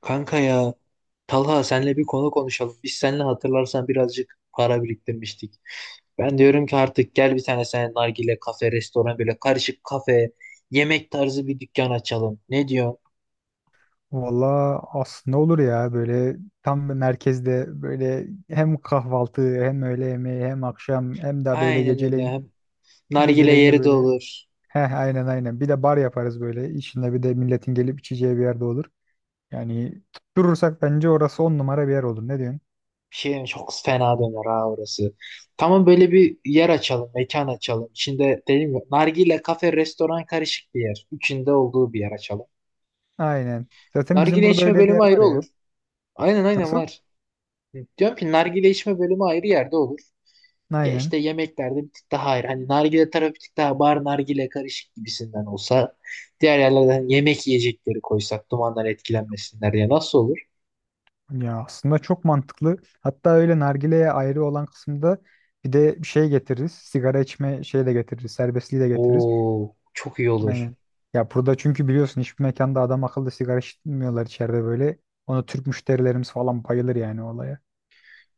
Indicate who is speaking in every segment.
Speaker 1: Kanka ya Talha senle bir konu konuşalım. Biz seninle hatırlarsan birazcık para biriktirmiştik. Ben diyorum ki artık gel bir tane sen nargile kafe, restoran böyle karışık kafe, yemek tarzı bir dükkan açalım. Ne diyorsun?
Speaker 2: Valla aslında olur ya, böyle tam bir merkezde, böyle hem kahvaltı hem öğle yemeği hem akşam hem de böyle
Speaker 1: Aynen öyle.
Speaker 2: geceleyin
Speaker 1: Hem nargile
Speaker 2: de
Speaker 1: yeri de
Speaker 2: böyle,
Speaker 1: olur.
Speaker 2: heh, aynen, aynen, bir de bar yaparız böyle içinde, bir de milletin gelip içeceği bir yerde olur. Yani tutturursak bence orası on numara bir yer olur, ne diyorsun?
Speaker 1: Bir şey çok fena döner ha orası. Tamam böyle bir yer açalım, mekan açalım. İçinde dedim ya nargile kafe, restoran karışık bir yer. Üçünde olduğu bir yer açalım.
Speaker 2: Aynen, zaten bizim
Speaker 1: Nargile
Speaker 2: burada
Speaker 1: içme
Speaker 2: öyle bir
Speaker 1: bölümü
Speaker 2: yer var
Speaker 1: ayrı olur.
Speaker 2: ya.
Speaker 1: Aynen aynen
Speaker 2: Nasıl?
Speaker 1: var. Diyorum ki nargile içme bölümü ayrı yerde olur. Ya işte
Speaker 2: Aynen,
Speaker 1: yemeklerde bir tık daha ayrı. Hani nargile tarafı bir tık daha bar nargile karışık gibisinden olsa diğer yerlerden yemek yiyecekleri koysak dumandan etkilenmesinler ya nasıl olur?
Speaker 2: ya aslında çok mantıklı. Hatta öyle nargileye ayrı olan kısımda bir de bir şey getiririz, sigara içme şeyi de getiririz, serbestliği de getiririz.
Speaker 1: Oo çok iyi olur.
Speaker 2: Aynen. Ya burada çünkü biliyorsun hiçbir mekanda adam akıllı sigara içmiyorlar içeride böyle. Ona Türk müşterilerimiz falan bayılır yani olaya.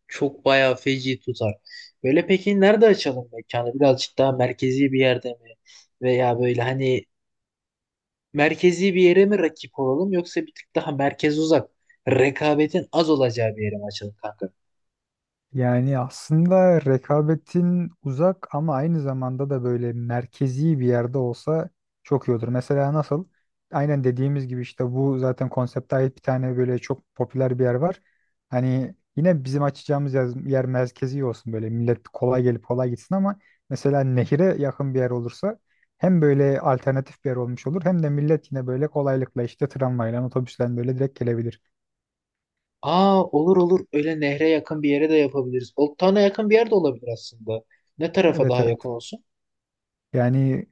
Speaker 1: Çok bayağı feci tutar. Böyle peki nerede açalım mekanı? Birazcık daha merkezi bir yerde mi? Veya böyle hani merkezi bir yere mi rakip olalım yoksa bir tık daha merkez uzak rekabetin az olacağı bir yere mi açalım kanka?
Speaker 2: Yani aslında rekabetin uzak ama aynı zamanda da böyle merkezi bir yerde olsa çok iyi olur. Mesela nasıl? Aynen dediğimiz gibi işte bu zaten konsepte ait bir tane böyle çok popüler bir yer var. Hani yine bizim açacağımız yer, yer merkezi olsun, böyle millet kolay gelip kolay gitsin, ama mesela nehire yakın bir yer olursa hem böyle alternatif bir yer olmuş olur, hem de millet yine böyle kolaylıkla işte tramvayla, otobüsle böyle direkt gelebilir.
Speaker 1: Aa olur olur. Öyle nehre yakın bir yere de yapabiliriz. Oltana yakın bir yer de olabilir aslında. Ne tarafa
Speaker 2: Evet,
Speaker 1: daha
Speaker 2: evet.
Speaker 1: yakın olsun?
Speaker 2: Yani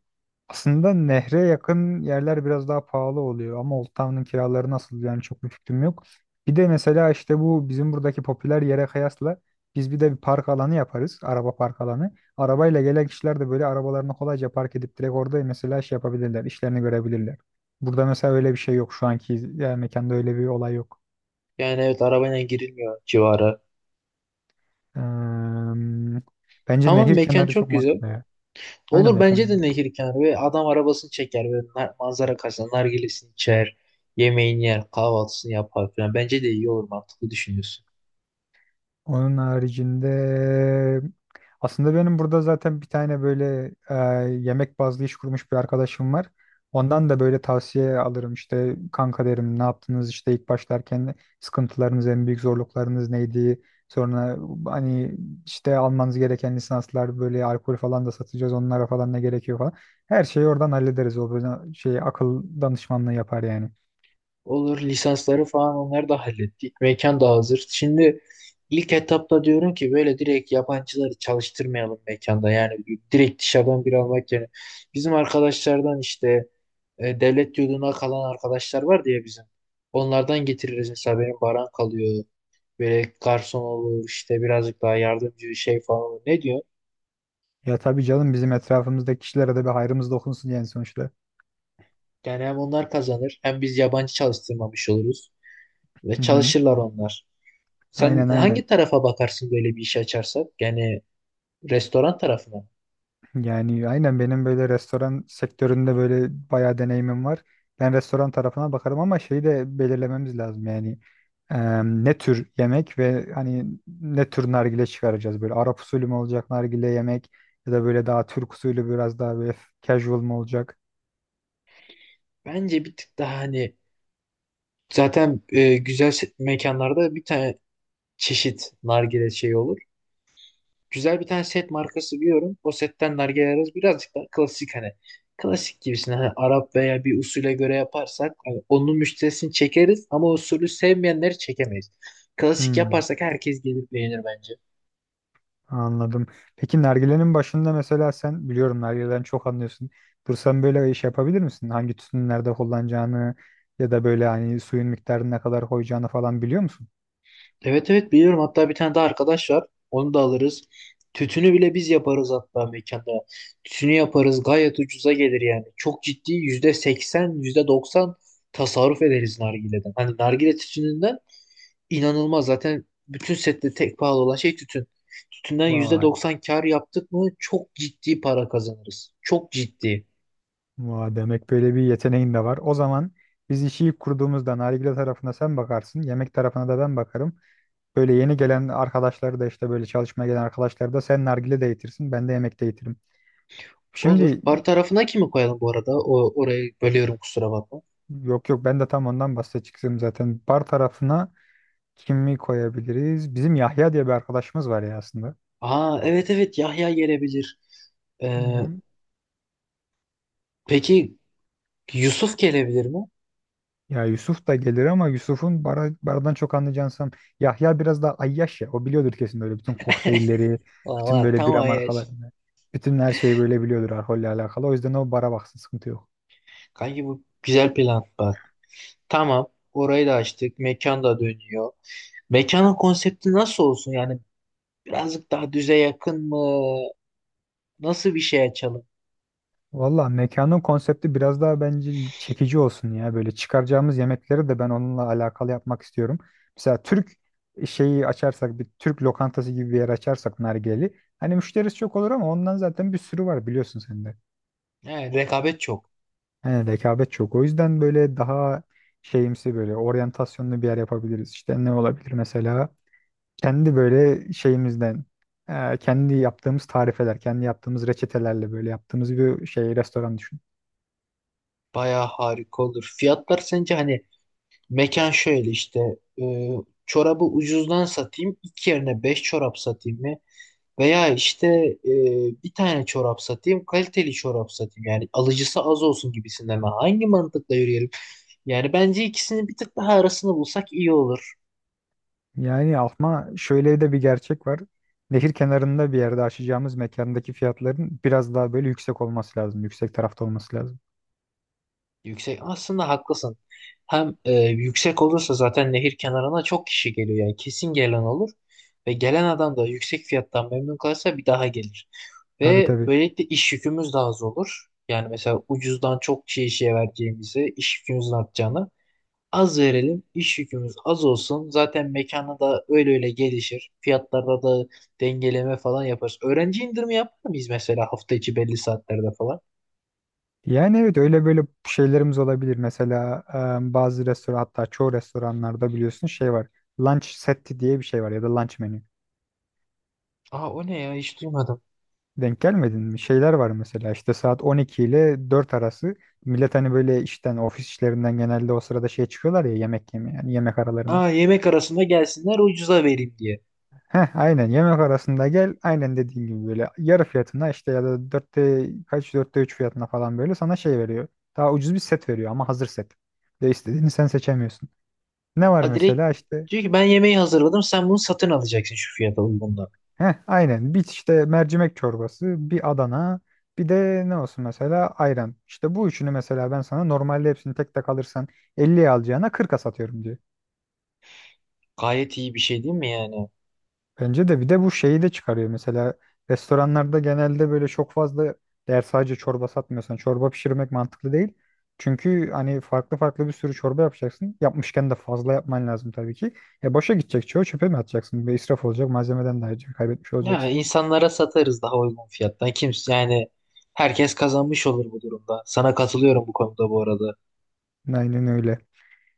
Speaker 2: aslında nehre yakın yerler biraz daha pahalı oluyor ama Old Town'un kiraları nasıl, yani çok bir fikrim yok. Bir de mesela işte bu bizim buradaki popüler yere kıyasla, biz bir de bir park alanı yaparız. Araba park alanı. Arabayla gelen kişiler de böyle arabalarını kolayca park edip direkt orada mesela şey yapabilirler, işlerini görebilirler. Burada mesela öyle bir şey yok şu anki, yani mekanda öyle bir olay yok.
Speaker 1: Yani evet arabayla girilmiyor civara.
Speaker 2: Eee, bence
Speaker 1: Tamam
Speaker 2: nehir
Speaker 1: mekan
Speaker 2: kenarı çok
Speaker 1: çok güzel.
Speaker 2: mantıklı ya. Aynı
Speaker 1: Olur bence de
Speaker 2: mekan.
Speaker 1: nehir kenarı ve adam arabasını çeker ve manzara karşısında nargilesini içer, yemeğini yer, kahvaltısını yapar falan. Bence de iyi olur mantıklı düşünüyorsun.
Speaker 2: Onun haricinde aslında benim burada zaten bir tane böyle, yemek bazlı iş kurmuş bir arkadaşım var. Ondan da böyle tavsiye alırım, işte kanka derim, ne yaptınız işte ilk başlarken, sıkıntılarınız, en büyük zorluklarınız neydi? Sonra hani işte almanız gereken lisanslar, böyle alkol falan da satacağız, onlara falan ne gerekiyor falan. Her şeyi oradan hallederiz. O böyle şey, akıl danışmanlığı yapar yani.
Speaker 1: Olur lisansları falan onları da hallettik. Mekan da hazır. Şimdi ilk etapta diyorum ki böyle direkt yabancıları çalıştırmayalım mekanda. Yani direkt dışarıdan bir almak yerine. Bizim arkadaşlardan işte devlet yurduna kalan arkadaşlar var diye bizim. Onlardan getiririz mesela benim Baran kalıyor. Böyle garson olur işte birazcık daha yardımcı şey falan olur. Ne diyor?
Speaker 2: Ya tabii canım, bizim etrafımızdaki kişilere de bir hayrımız dokunsun yani sonuçta.
Speaker 1: Yani hem onlar kazanır hem biz yabancı çalıştırmamış oluruz. Ve
Speaker 2: Hı hı.
Speaker 1: çalışırlar onlar. Sen
Speaker 2: Aynen, aynen.
Speaker 1: hangi tarafa bakarsın böyle bir iş açarsak? Yani restoran tarafına. Mı?
Speaker 2: Yani aynen, benim böyle restoran sektöründe böyle bayağı deneyimim var. Ben restoran tarafına bakarım ama şeyi de belirlememiz lazım yani. Ne tür yemek ve hani ne tür nargile çıkaracağız, böyle Arap usulü mü olacak nargile, yemek ya da böyle daha Türk usulü, biraz daha böyle casual mı olacak?
Speaker 1: Bence bir tık daha hani zaten güzel mekanlarda bir tane çeşit nargile şey olur. Güzel bir tane set markası biliyorum. O setten nargile ararız. Birazcık daha klasik hani. Klasik gibisine hani Arap veya bir usule göre yaparsak hani onun müşterisini çekeriz ama usulü sevmeyenleri çekemeyiz. Klasik
Speaker 2: Hmm,
Speaker 1: yaparsak herkes gelip beğenir bence.
Speaker 2: anladım. Peki nargilenin başında mesela, sen biliyorum nargileden çok anlıyorsun. Dur sen böyle iş yapabilir misin? Hangi tütünü nerede kullanacağını, ya da böyle hani suyun miktarını ne kadar koyacağını falan biliyor musun?
Speaker 1: Evet evet biliyorum. Hatta bir tane de arkadaş var. Onu da alırız. Tütünü bile biz yaparız hatta mekanda. Tütünü yaparız. Gayet ucuza gelir yani. Çok ciddi %80, yüzde doksan tasarruf ederiz nargileden. Hani nargile tütününden inanılmaz. Zaten bütün sette tek pahalı olan şey tütün. Tütünden yüzde
Speaker 2: Vay.
Speaker 1: doksan kar yaptık mı çok ciddi para kazanırız. Çok ciddi.
Speaker 2: Vay, demek böyle bir yeteneğin de var. O zaman biz işi ilk kurduğumuzda nargile tarafına sen bakarsın, yemek tarafına da ben bakarım. Böyle yeni gelen arkadaşları da, işte böyle çalışmaya gelen arkadaşları da, sen nargile de eğitirsin, ben de yemek de eğitirim.
Speaker 1: Olur.
Speaker 2: Şimdi
Speaker 1: Bar tarafına kimi koyalım bu arada? Orayı bölüyorum kusura bakma.
Speaker 2: yok, yok, ben de tam ondan bahsedeceğim zaten. Bar tarafına kimi koyabiliriz? Bizim Yahya diye bir arkadaşımız var ya aslında.
Speaker 1: Aa evet evet Yahya gelebilir. Ee, Peki Yusuf gelebilir mi?
Speaker 2: Ya Yusuf da gelir ama Yusuf'un bara, baradan çok anlayacağını sanırım. Yahya biraz daha ayyaş ya. O biliyordur kesin böyle bütün kokteylleri, bütün
Speaker 1: Valla
Speaker 2: böyle
Speaker 1: tamam
Speaker 2: bira
Speaker 1: Ayaz.
Speaker 2: markalarını. Bütün her şeyi böyle biliyordur alkolle alakalı. O yüzden o bara baksın, sıkıntı yok.
Speaker 1: Kanki bu güzel plan bak. Tamam orayı da açtık. Mekan da dönüyor. Mekanın konsepti nasıl olsun? Yani birazcık daha düze yakın mı? Nasıl bir şey açalım?
Speaker 2: Valla mekanın konsepti biraz daha bence çekici olsun ya. Böyle çıkaracağımız yemekleri de ben onunla alakalı yapmak istiyorum. Mesela Türk şeyi açarsak, bir Türk lokantası gibi bir yer açarsak nargileli, hani müşterisi çok olur ama ondan zaten bir sürü var, biliyorsun sen de.
Speaker 1: He, rekabet çok.
Speaker 2: He, rekabet çok. O yüzden böyle daha şeyimsi, böyle oryantasyonlu bir yer yapabiliriz. İşte ne olabilir mesela? Kendi böyle şeyimizden, kendi yaptığımız tarifeler, kendi yaptığımız reçetelerle böyle yaptığımız bir şey, restoran düşün.
Speaker 1: Bayağı harika olur. Fiyatlar sence hani mekan şöyle işte e, çorabı ucuzdan satayım. İki yerine beş çorap satayım mı? Veya işte bir tane çorap satayım, kaliteli çorap satayım. Yani alıcısı az olsun gibisinden. Ben hangi mantıkla yürüyelim? Yani bence ikisinin bir tık daha arasını bulsak iyi olur.
Speaker 2: Yani ama şöyle de bir gerçek var. Nehir kenarında bir yerde açacağımız mekandaki fiyatların biraz daha böyle yüksek olması lazım. Yüksek tarafta olması lazım.
Speaker 1: Yüksek aslında haklısın. Hem yüksek olursa zaten nehir kenarına çok kişi geliyor yani kesin gelen olur ve gelen adam da yüksek fiyattan memnun kalırsa bir daha gelir.
Speaker 2: Tabii,
Speaker 1: Ve
Speaker 2: tabii.
Speaker 1: böylelikle iş yükümüz daha az olur. Yani mesela ucuzdan çok kişiye işe vereceğimizi, iş yükümüzün artacağını az verelim, iş yükümüz az olsun. Zaten mekanı da öyle öyle gelişir. Fiyatlarda da dengeleme falan yaparız. Öğrenci indirimi yapar mıyız mesela hafta içi belli saatlerde falan?
Speaker 2: Yani evet, öyle böyle şeylerimiz olabilir. Mesela bazı restoran, hatta çoğu restoranlarda biliyorsun şey var. Lunch seti diye bir şey var ya da lunch menü.
Speaker 1: Aa o ne ya hiç duymadım.
Speaker 2: Denk gelmedin mi? Şeyler var mesela, işte saat 12 ile 4 arası millet hani böyle işten, ofis işlerinden genelde o sırada şey çıkıyorlar ya, yemek yemeye, yani yemek aralarına.
Speaker 1: Aa yemek arasında gelsinler ucuza vereyim diye.
Speaker 2: Heh aynen, yemek arasında gel, aynen dediğin gibi böyle yarı fiyatına işte, ya da 4'te kaç, 4'te 3 fiyatına falan böyle sana şey veriyor. Daha ucuz bir set veriyor ama hazır set. Ve istediğini sen seçemiyorsun. Ne var
Speaker 1: Ha direkt
Speaker 2: mesela işte.
Speaker 1: diyor ki ben yemeği hazırladım sen bunu satın alacaksın şu fiyata uygundan.
Speaker 2: Heh, aynen. Bir işte mercimek çorbası, bir Adana, bir de ne olsun mesela, ayran. İşte bu üçünü mesela, ben sana normalde hepsini tek tek alırsan 50'ye alacağına 40'a satıyorum diyor.
Speaker 1: Gayet iyi bir şey değil mi yani?
Speaker 2: Bence de bir de bu şeyi de çıkarıyor. Mesela restoranlarda genelde böyle çok fazla, eğer sadece çorba satmıyorsan çorba pişirmek mantıklı değil. Çünkü hani farklı farklı bir sürü çorba yapacaksın. Yapmışken de fazla yapman lazım tabii ki. E, boşa gidecek çoğu, çöpe mi atacaksın? Bir israf olacak, malzemeden de ayrıca kaybetmiş
Speaker 1: Ya
Speaker 2: olacaksın.
Speaker 1: insanlara satarız daha uygun fiyattan. Kimse yani herkes kazanmış olur bu durumda. Sana katılıyorum bu konuda bu arada.
Speaker 2: Aynen öyle.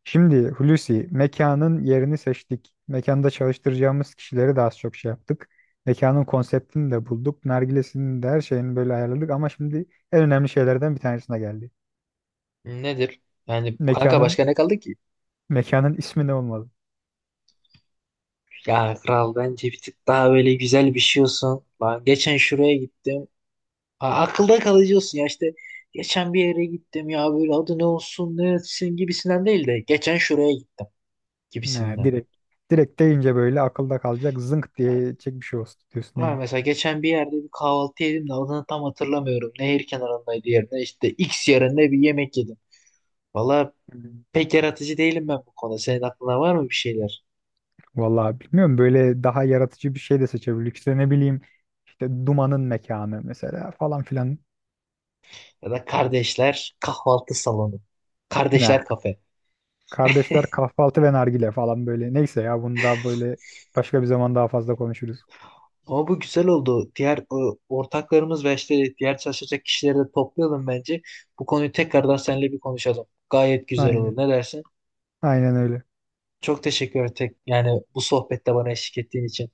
Speaker 2: Şimdi Hulusi, mekanın yerini seçtik. Mekanda çalıştıracağımız kişileri de az çok şey yaptık. Mekanın konseptini de bulduk. Nargilesini de, her şeyini böyle ayarladık ama şimdi en önemli şeylerden bir tanesine geldi.
Speaker 1: Nedir? Yani kanka
Speaker 2: Mekanın
Speaker 1: başka ne kaldı ki?
Speaker 2: mekanın ismi ne olmalı?
Speaker 1: Ya kral bence bir tık daha böyle güzel bir şey olsun. Lan geçen şuraya gittim. Akılda kalıcı olsun ya işte. Geçen bir yere gittim ya böyle adı ne olsun ne etsin gibisinden değil de. Geçen şuraya gittim
Speaker 2: Ne,
Speaker 1: gibisinden.
Speaker 2: direkt deyince böyle akılda kalacak zınk diye çek bir şey olsun diyorsun
Speaker 1: Ama
Speaker 2: yani.
Speaker 1: mesela geçen bir yerde bir kahvaltı yedim de adını tam hatırlamıyorum. Nehir kenarındaydı yerine işte X yerinde bir yemek yedim. Valla
Speaker 2: Hmm.
Speaker 1: pek yaratıcı değilim ben bu konuda. Senin aklına var mı bir şeyler?
Speaker 2: Vallahi bilmiyorum, böyle daha yaratıcı bir şey de seçebiliriz. İşte ne bileyim, işte dumanın mekanı mesela falan filan.
Speaker 1: Ya da kardeşler kahvaltı salonu.
Speaker 2: Ne?
Speaker 1: Kardeşler kafe.
Speaker 2: Kardeşler kahvaltı ve nargile falan böyle. Neyse ya bunu daha böyle başka bir zaman daha fazla konuşuruz.
Speaker 1: Ama bu güzel oldu. Diğer ortaklarımız ve işte diğer çalışacak kişileri de toplayalım bence. Bu konuyu tekrardan seninle bir konuşalım. Gayet güzel
Speaker 2: Aynen.
Speaker 1: olur. Ne dersin?
Speaker 2: Aynen öyle.
Speaker 1: Çok teşekkür tek yani bu sohbette bana eşlik ettiğin için.